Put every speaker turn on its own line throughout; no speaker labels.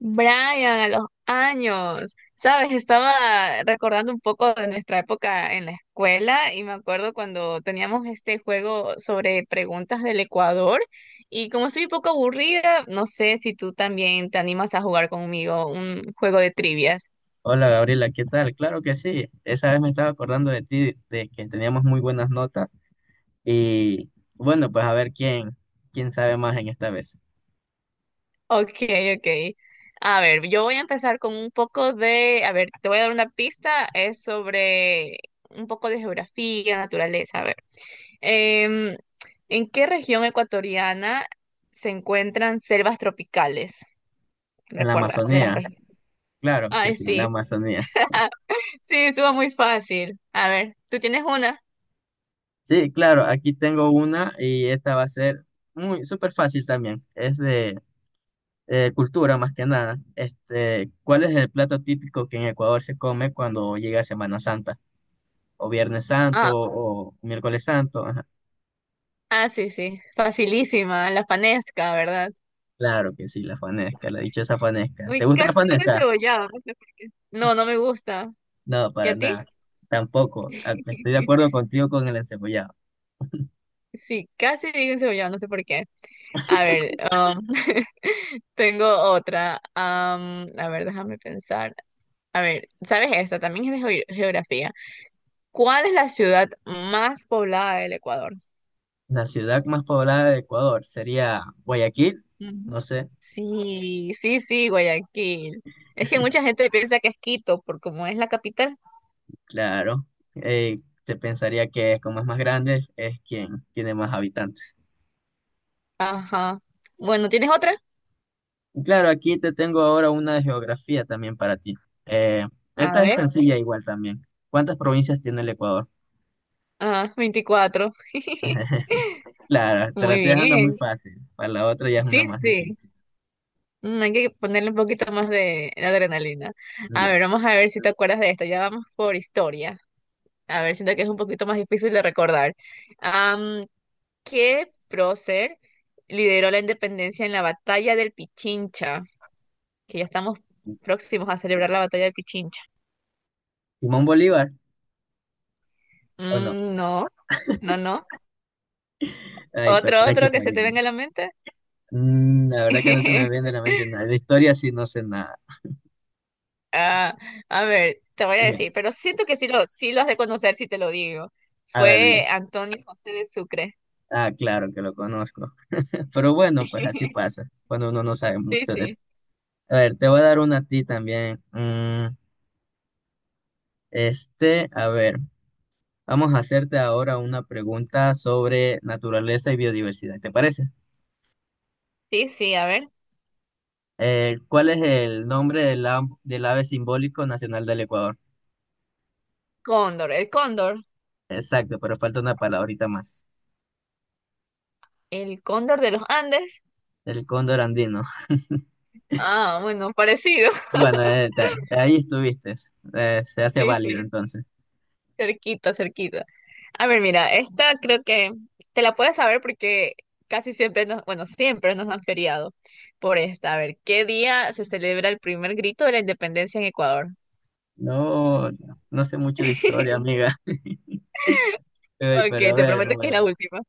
Brian, a los años, ¿sabes? Estaba recordando un poco de nuestra época en la escuela y me acuerdo cuando teníamos este juego sobre preguntas del Ecuador y como soy un poco aburrida, no sé si tú también te animas a jugar conmigo un juego de trivias.
Hola Gabriela, ¿qué tal? Claro que sí. Esa vez me estaba acordando de ti, de que teníamos muy buenas notas. Y bueno, pues a ver quién, quién sabe más en esta vez.
Ok, ok. A ver, yo voy a empezar con un poco de, a ver, te voy a dar una pista, es sobre un poco de geografía, naturaleza, a ver. Em, ¿En qué región ecuatoriana se encuentran selvas tropicales?
En la
Recuerda, de las
Amazonía.
regiones.
Claro que
Ay,
sí, en la
sí,
Amazonía.
sí, estuvo muy fácil. A ver, ¿tú tienes una?
Sí, claro, aquí tengo una y esta va a ser muy súper fácil también. Es de cultura más que nada. Este, ¿cuál es el plato típico que en Ecuador se come cuando llega Semana Santa? O Viernes Santo
Ah,
o Miércoles Santo. Ajá.
ah, sí, sí, facilísima, la fanesca, ¿verdad?
Claro que sí, la fanesca, la dichosa fanesca.
Uy,
¿Te gusta la
casi digo
fanesca?
encebollado, no sé por qué. No, no me gusta.
No,
¿Y
para
a ti?
nada. Tampoco. Ah, estoy de acuerdo contigo con el encebollado.
Sí, casi digo encebollado, no sé por qué. A ver, tengo otra. A ver, déjame pensar. A ver, ¿sabes esta? También es de geografía. ¿Cuál es la ciudad más poblada del Ecuador?
La ciudad más poblada de Ecuador sería Guayaquil.
Ujú.
No sé,
Sí, sí, sí, Guayaquil. Es que mucha gente piensa que es Quito por como es la capital.
claro. Eh, Se pensaría que como es más grande, es quien tiene más habitantes.
Ajá. Bueno, ¿tienes otra?
Y claro, aquí te tengo ahora una de geografía también para ti. Eh,
A
Esta es
ver.
sencilla igual también. ¿Cuántas provincias tiene el Ecuador?
Ah, 24.
Claro, te la estoy
Muy
dejando muy
bien.
fácil. Para la otra ya es una
Sí,
más
sí.
difícil.
Mm, hay que ponerle un poquito más de adrenalina. A
Ya.
ver, vamos a ver si te acuerdas de esto. Ya vamos por historia. A ver, siento que es un poquito más difícil de recordar. Am, que prócer lideró la independencia en la batalla del Pichincha, que ya estamos próximos a celebrar la batalla del Pichincha.
¿Simón Bolívar o no?
Mm, no, no, no.
Ay, pero
Otro,
ahí se
otro que
fue.
se te venga a la mente.
Mm, la verdad que no se me viene de la mente nada. De historia sí no sé nada.
Ah, a ver, te voy a
Ya,
decir, pero siento que sí lo has de conocer si te lo digo.
a ver,
Fue
di.
Antonio José de Sucre.
Ah, claro que lo conozco. Pero bueno, pues así pasa, cuando uno no sabe
Sí,
mucho de
sí.
esto. A ver, te voy a dar una a ti también. Mm, este, a ver, vamos a hacerte ahora una pregunta sobre naturaleza y biodiversidad, ¿te parece?
Sí, sí, a ver.
¿Cuál es el nombre del ave simbólico nacional del Ecuador?
Cóndor,
Exacto, pero falta una palabrita más.
el cóndor de los Andes.
El cóndor andino.
Ah, bueno, parecido.
Bueno, ahí estuviste. Se hace
Sí,
válido
sí.
entonces.
Cerquita, cerquita. A ver, mira, esta creo que te la puedes saber porque casi siempre siempre nos han feriado por esta. A ver, ¿qué día se celebra el primer grito de la independencia en Ecuador?
No, no sé mucho de historia, amiga. Ey,
Ok,
pero a
te
ver,
prometo que es la
bueno.
última.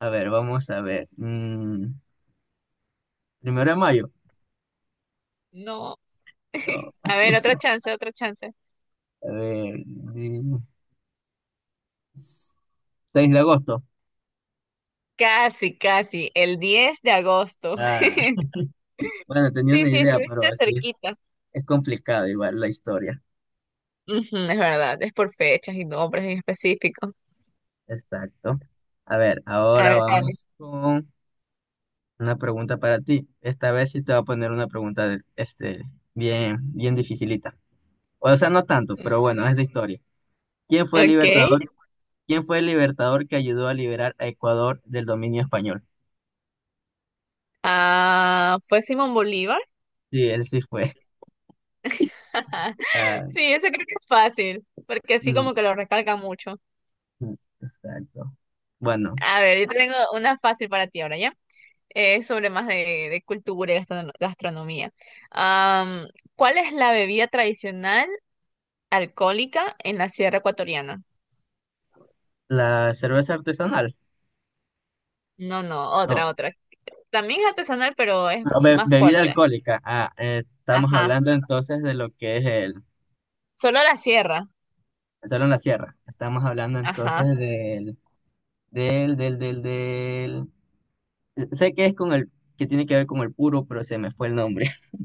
A ver, vamos a ver. Mm, primero de mayo.
No.
No.
A ver, otra chance, otra chance.
A ver. 6 de agosto.
Casi, casi, el 10 de agosto.
Ah, bueno, tenía
Sí,
una
sí,
idea, pero
estuviste
así
cerquita.
es complicado igual la historia.
Ujú, es verdad, es por fechas y nombres en específico.
Exacto. A ver,
A
ahora
ver, dale.
vamos una pregunta para ti. Esta vez sí te voy a poner una pregunta este, bien, bien dificilita. O sea, no tanto, pero bueno, es de historia. ¿Quién fue el
Ok.
libertador? ¿Quién fue el libertador que ayudó a liberar a Ecuador del dominio español?
Ah, ¿fue Simón Bolívar?
Sí, él sí fue.
Ajá.
Ah,
Sí, eso creo que es fácil, porque así
mm,
como que lo recalca mucho.
mm, exacto. Bueno,
A ver, yo tengo una fácil para ti ahora, ¿ya? Sobre más de cultura y gastronomía. Am, ¿Cuál es la bebida tradicional alcohólica en la Sierra Ecuatoriana?
la cerveza artesanal.
No, no,
No,
otra, otra. También es artesanal, pero es
no,
más
bebida
fuerte.
alcohólica. Ah, estamos
Ajá.
hablando entonces de lo que es el.
Solo la sierra.
Solo en la sierra. Estamos hablando
Ajá.
entonces del sé que es con el, que tiene que ver con el puro, pero se me fue el nombre.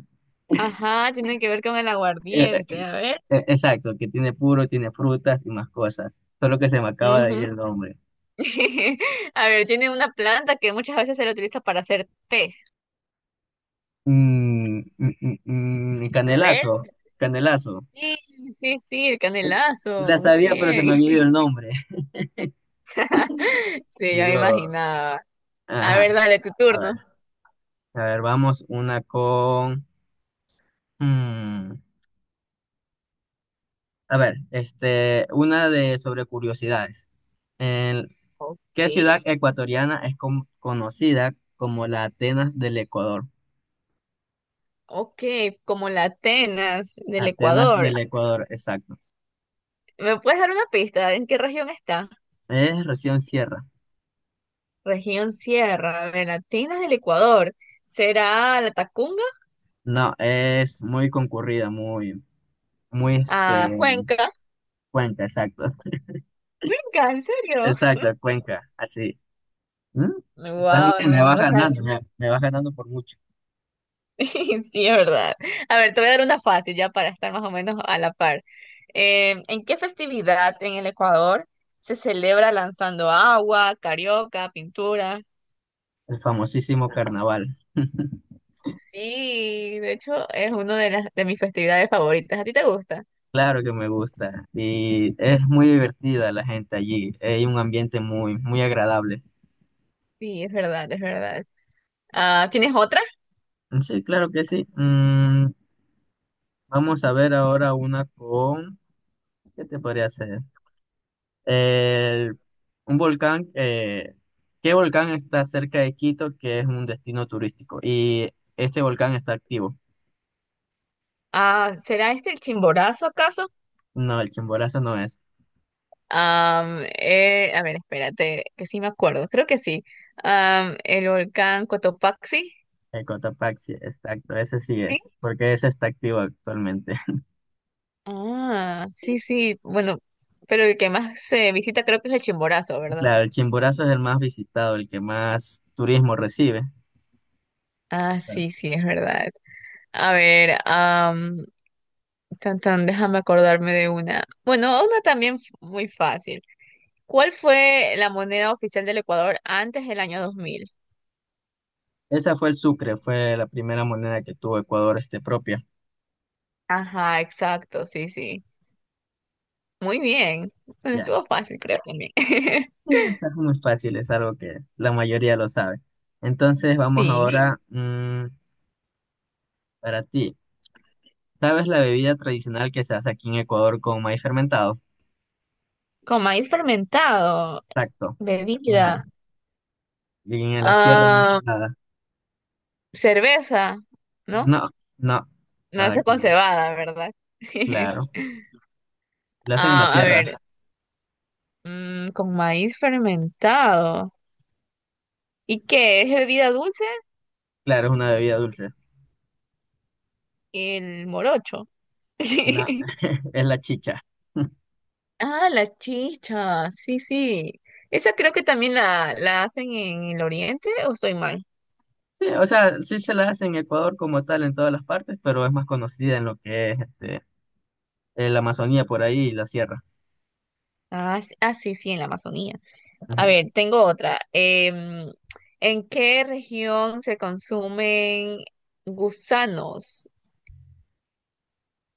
Ajá, tiene que ver con el
Eh, eh,
aguardiente. A ver.
Exacto, que tiene puro, tiene frutas y más cosas. Solo que se me acaba de ir
Ujú.
el nombre.
A ver, tiene una planta que muchas veces se la utiliza para hacer té. A ver,
Canelazo, canelazo.
sí, sí, sí, el canelazo,
La
muy
sabía, pero se
bien.
me había ido el nombre.
Sí, ya me
Lo-
imaginaba. A
ajá,
ver, dale tu
a
turno.
ver, a ver, vamos una con... mm, a ver, este, una de sobre curiosidades. En-
Ok,
¿Qué ciudad ecuatoriana es conocida como la Atenas del Ecuador?
ok, como la Atenas del
Atenas
Ecuador.
del Ecuador, exacto.
¿Me puedes dar una pista? ¿En qué región está?
Es recién cierra.
Región Sierra. A ver, Atenas del Ecuador. ¿Será la Tacunga?
No, es muy concurrida, muy, muy este,
Ah, Cuenca.
Cuenca, exacto.
Cuenca, ¿en serio?
Exacto, Cuenca, así. ¿Mm? Estás
Wow,
bien,
no,
me
no
vas
lo sabía.
ganando, me vas ganando por mucho.
Sí, es verdad. A ver, te voy a dar una fácil ya para estar más o menos a la par. ¿En qué festividad en el Ecuador se celebra lanzando agua, carioca, pintura?
El famosísimo carnaval.
Sí, de hecho es una de las de mis festividades favoritas. ¿A ti te gusta?
Claro que me gusta. Y es muy divertida la gente allí. Hay un ambiente muy, muy agradable.
Sí, es verdad, es verdad. Ah, ¿tienes otra?
Sí, claro que sí. Mm, vamos a ver ahora una con... ¿Qué te podría hacer? El- un volcán, ¿qué volcán está cerca de Quito que es un destino turístico? Y este volcán está activo.
Ah, ¿será este el Chimborazo acaso?
No, el Chimborazo no es.
A ver, espérate, que sí me acuerdo. Creo que sí. El volcán Cotopaxi.
El Cotopaxi, sí, exacto, ese sí es, porque ese está activo actualmente.
Ah, sí, sí. Bueno, pero el que más se visita creo que es el Chimborazo, ¿verdad?
Claro, el Chimborazo es el más visitado, el que más turismo recibe.
Ah,
Claro.
sí, sí, es verdad. A ver, tan, tan, déjame acordarme de una. Bueno, una también muy fácil. ¿Cuál fue la moneda oficial del Ecuador antes del año 2000?
Esa fue el Sucre, fue la primera moneda que tuvo Ecuador este propia.
Ajá, exacto, sí, sí. Muy bien. Bueno,
Ya,
estuvo fácil, creo también.
y está muy fácil, es algo que la mayoría lo sabe. Entonces vamos
Sí.
ahora mm, para ti. ¿Sabes la bebida tradicional que se hace aquí en Ecuador con maíz fermentado?
Con maíz fermentado,
Exacto. En la,
bebida,
en la sierra más que
ah,
nada.
cerveza, ¿no?
No, no, nada
Nace
que
con
ver.
cebada, ¿verdad?
Claro. La hacen en la
Ah, a
sierra.
ver, con maíz fermentado. ¿Y qué? ¿Es bebida dulce?
Claro, es una bebida dulce.
El morocho.
No, es la chicha.
Ah, la chicha, sí, sí. Esa creo que también la hacen en el oriente, ¿o estoy mal?
Sí, o sea, sí se la hace en Ecuador como tal en todas las partes, pero es más conocida en lo que es este, la Amazonía por ahí y la sierra.
Ah, sí, sí, en la Amazonía. A
Ujú.
ver, tengo otra. ¿En qué región se consumen gusanos?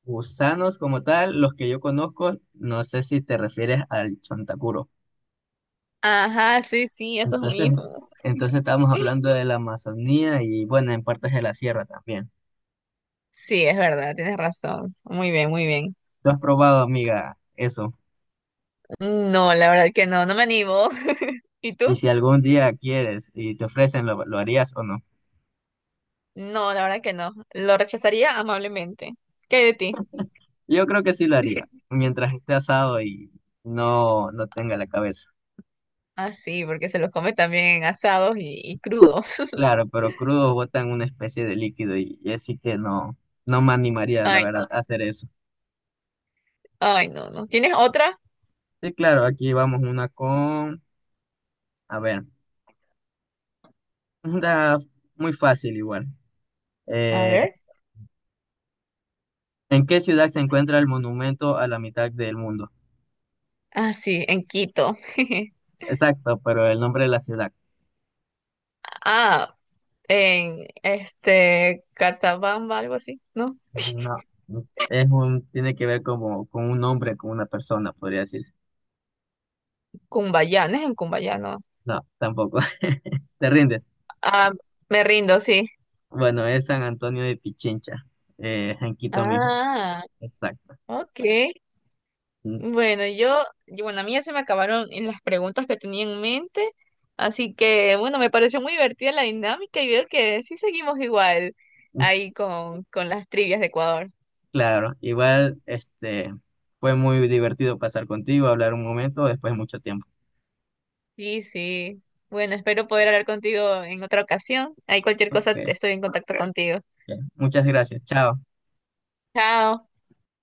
Gusanos como tal, los que yo conozco, no sé si te refieres al chontacuro.
Ajá, sí, sí, esos
Entonces,
mismos.
entonces estábamos hablando de la Amazonía y bueno, en partes de la sierra también.
Sí, es verdad, tienes razón. Muy bien, muy bien.
¿Tú has probado, amiga, eso?
No, la verdad que no, no me animo. ¿Y
Y
tú?
si algún día quieres y te ofrecen, lo harías o no?
No, la verdad que no. Lo rechazaría amablemente. ¿Qué hay de ti?
Yo creo que sí lo haría, mientras esté asado y no, no tenga la cabeza.
Ah, sí, porque se los come también en asados y crudos.
Claro, pero crudo botan una especie de líquido y así que no, no me animaría, la
Ay, no,
verdad, a hacer eso.
ay, no, no. ¿Tienes otra?
Sí, claro, aquí vamos una con, a ver, una muy fácil igual.
A
Eh,
ver.
¿En qué ciudad se encuentra el monumento a la mitad del mundo?
Ah, sí, en Quito.
Exacto, pero el nombre de la ciudad.
Ah, en este Catabamba, algo así, ¿no?
No, es un, tiene que ver como con un nombre, con una persona, podría decirse.
Cumbayá, no es en Cumbayá, no.
No, tampoco. ¿Te rindes?
Ah, me rindo, sí.
Bueno, es San Antonio de Pichincha, en Quito mismo.
Ah,
Exacto.
ok.
Mm,
Bueno, bueno, a mí ya se me acabaron en las preguntas que tenía en mente, así que bueno, me pareció muy divertida la dinámica y veo que sí seguimos igual
mm,
ahí
s-
con las trivias de Ecuador.
Claro, igual, este, fue muy divertido pasar contigo, hablar un momento después de mucho tiempo.
Sí, sí. Bueno, espero poder hablar contigo en otra ocasión. Ahí cualquier cosa
Ok,
estoy en contacto contigo.
ok. Muchas gracias. Chao.
Chao.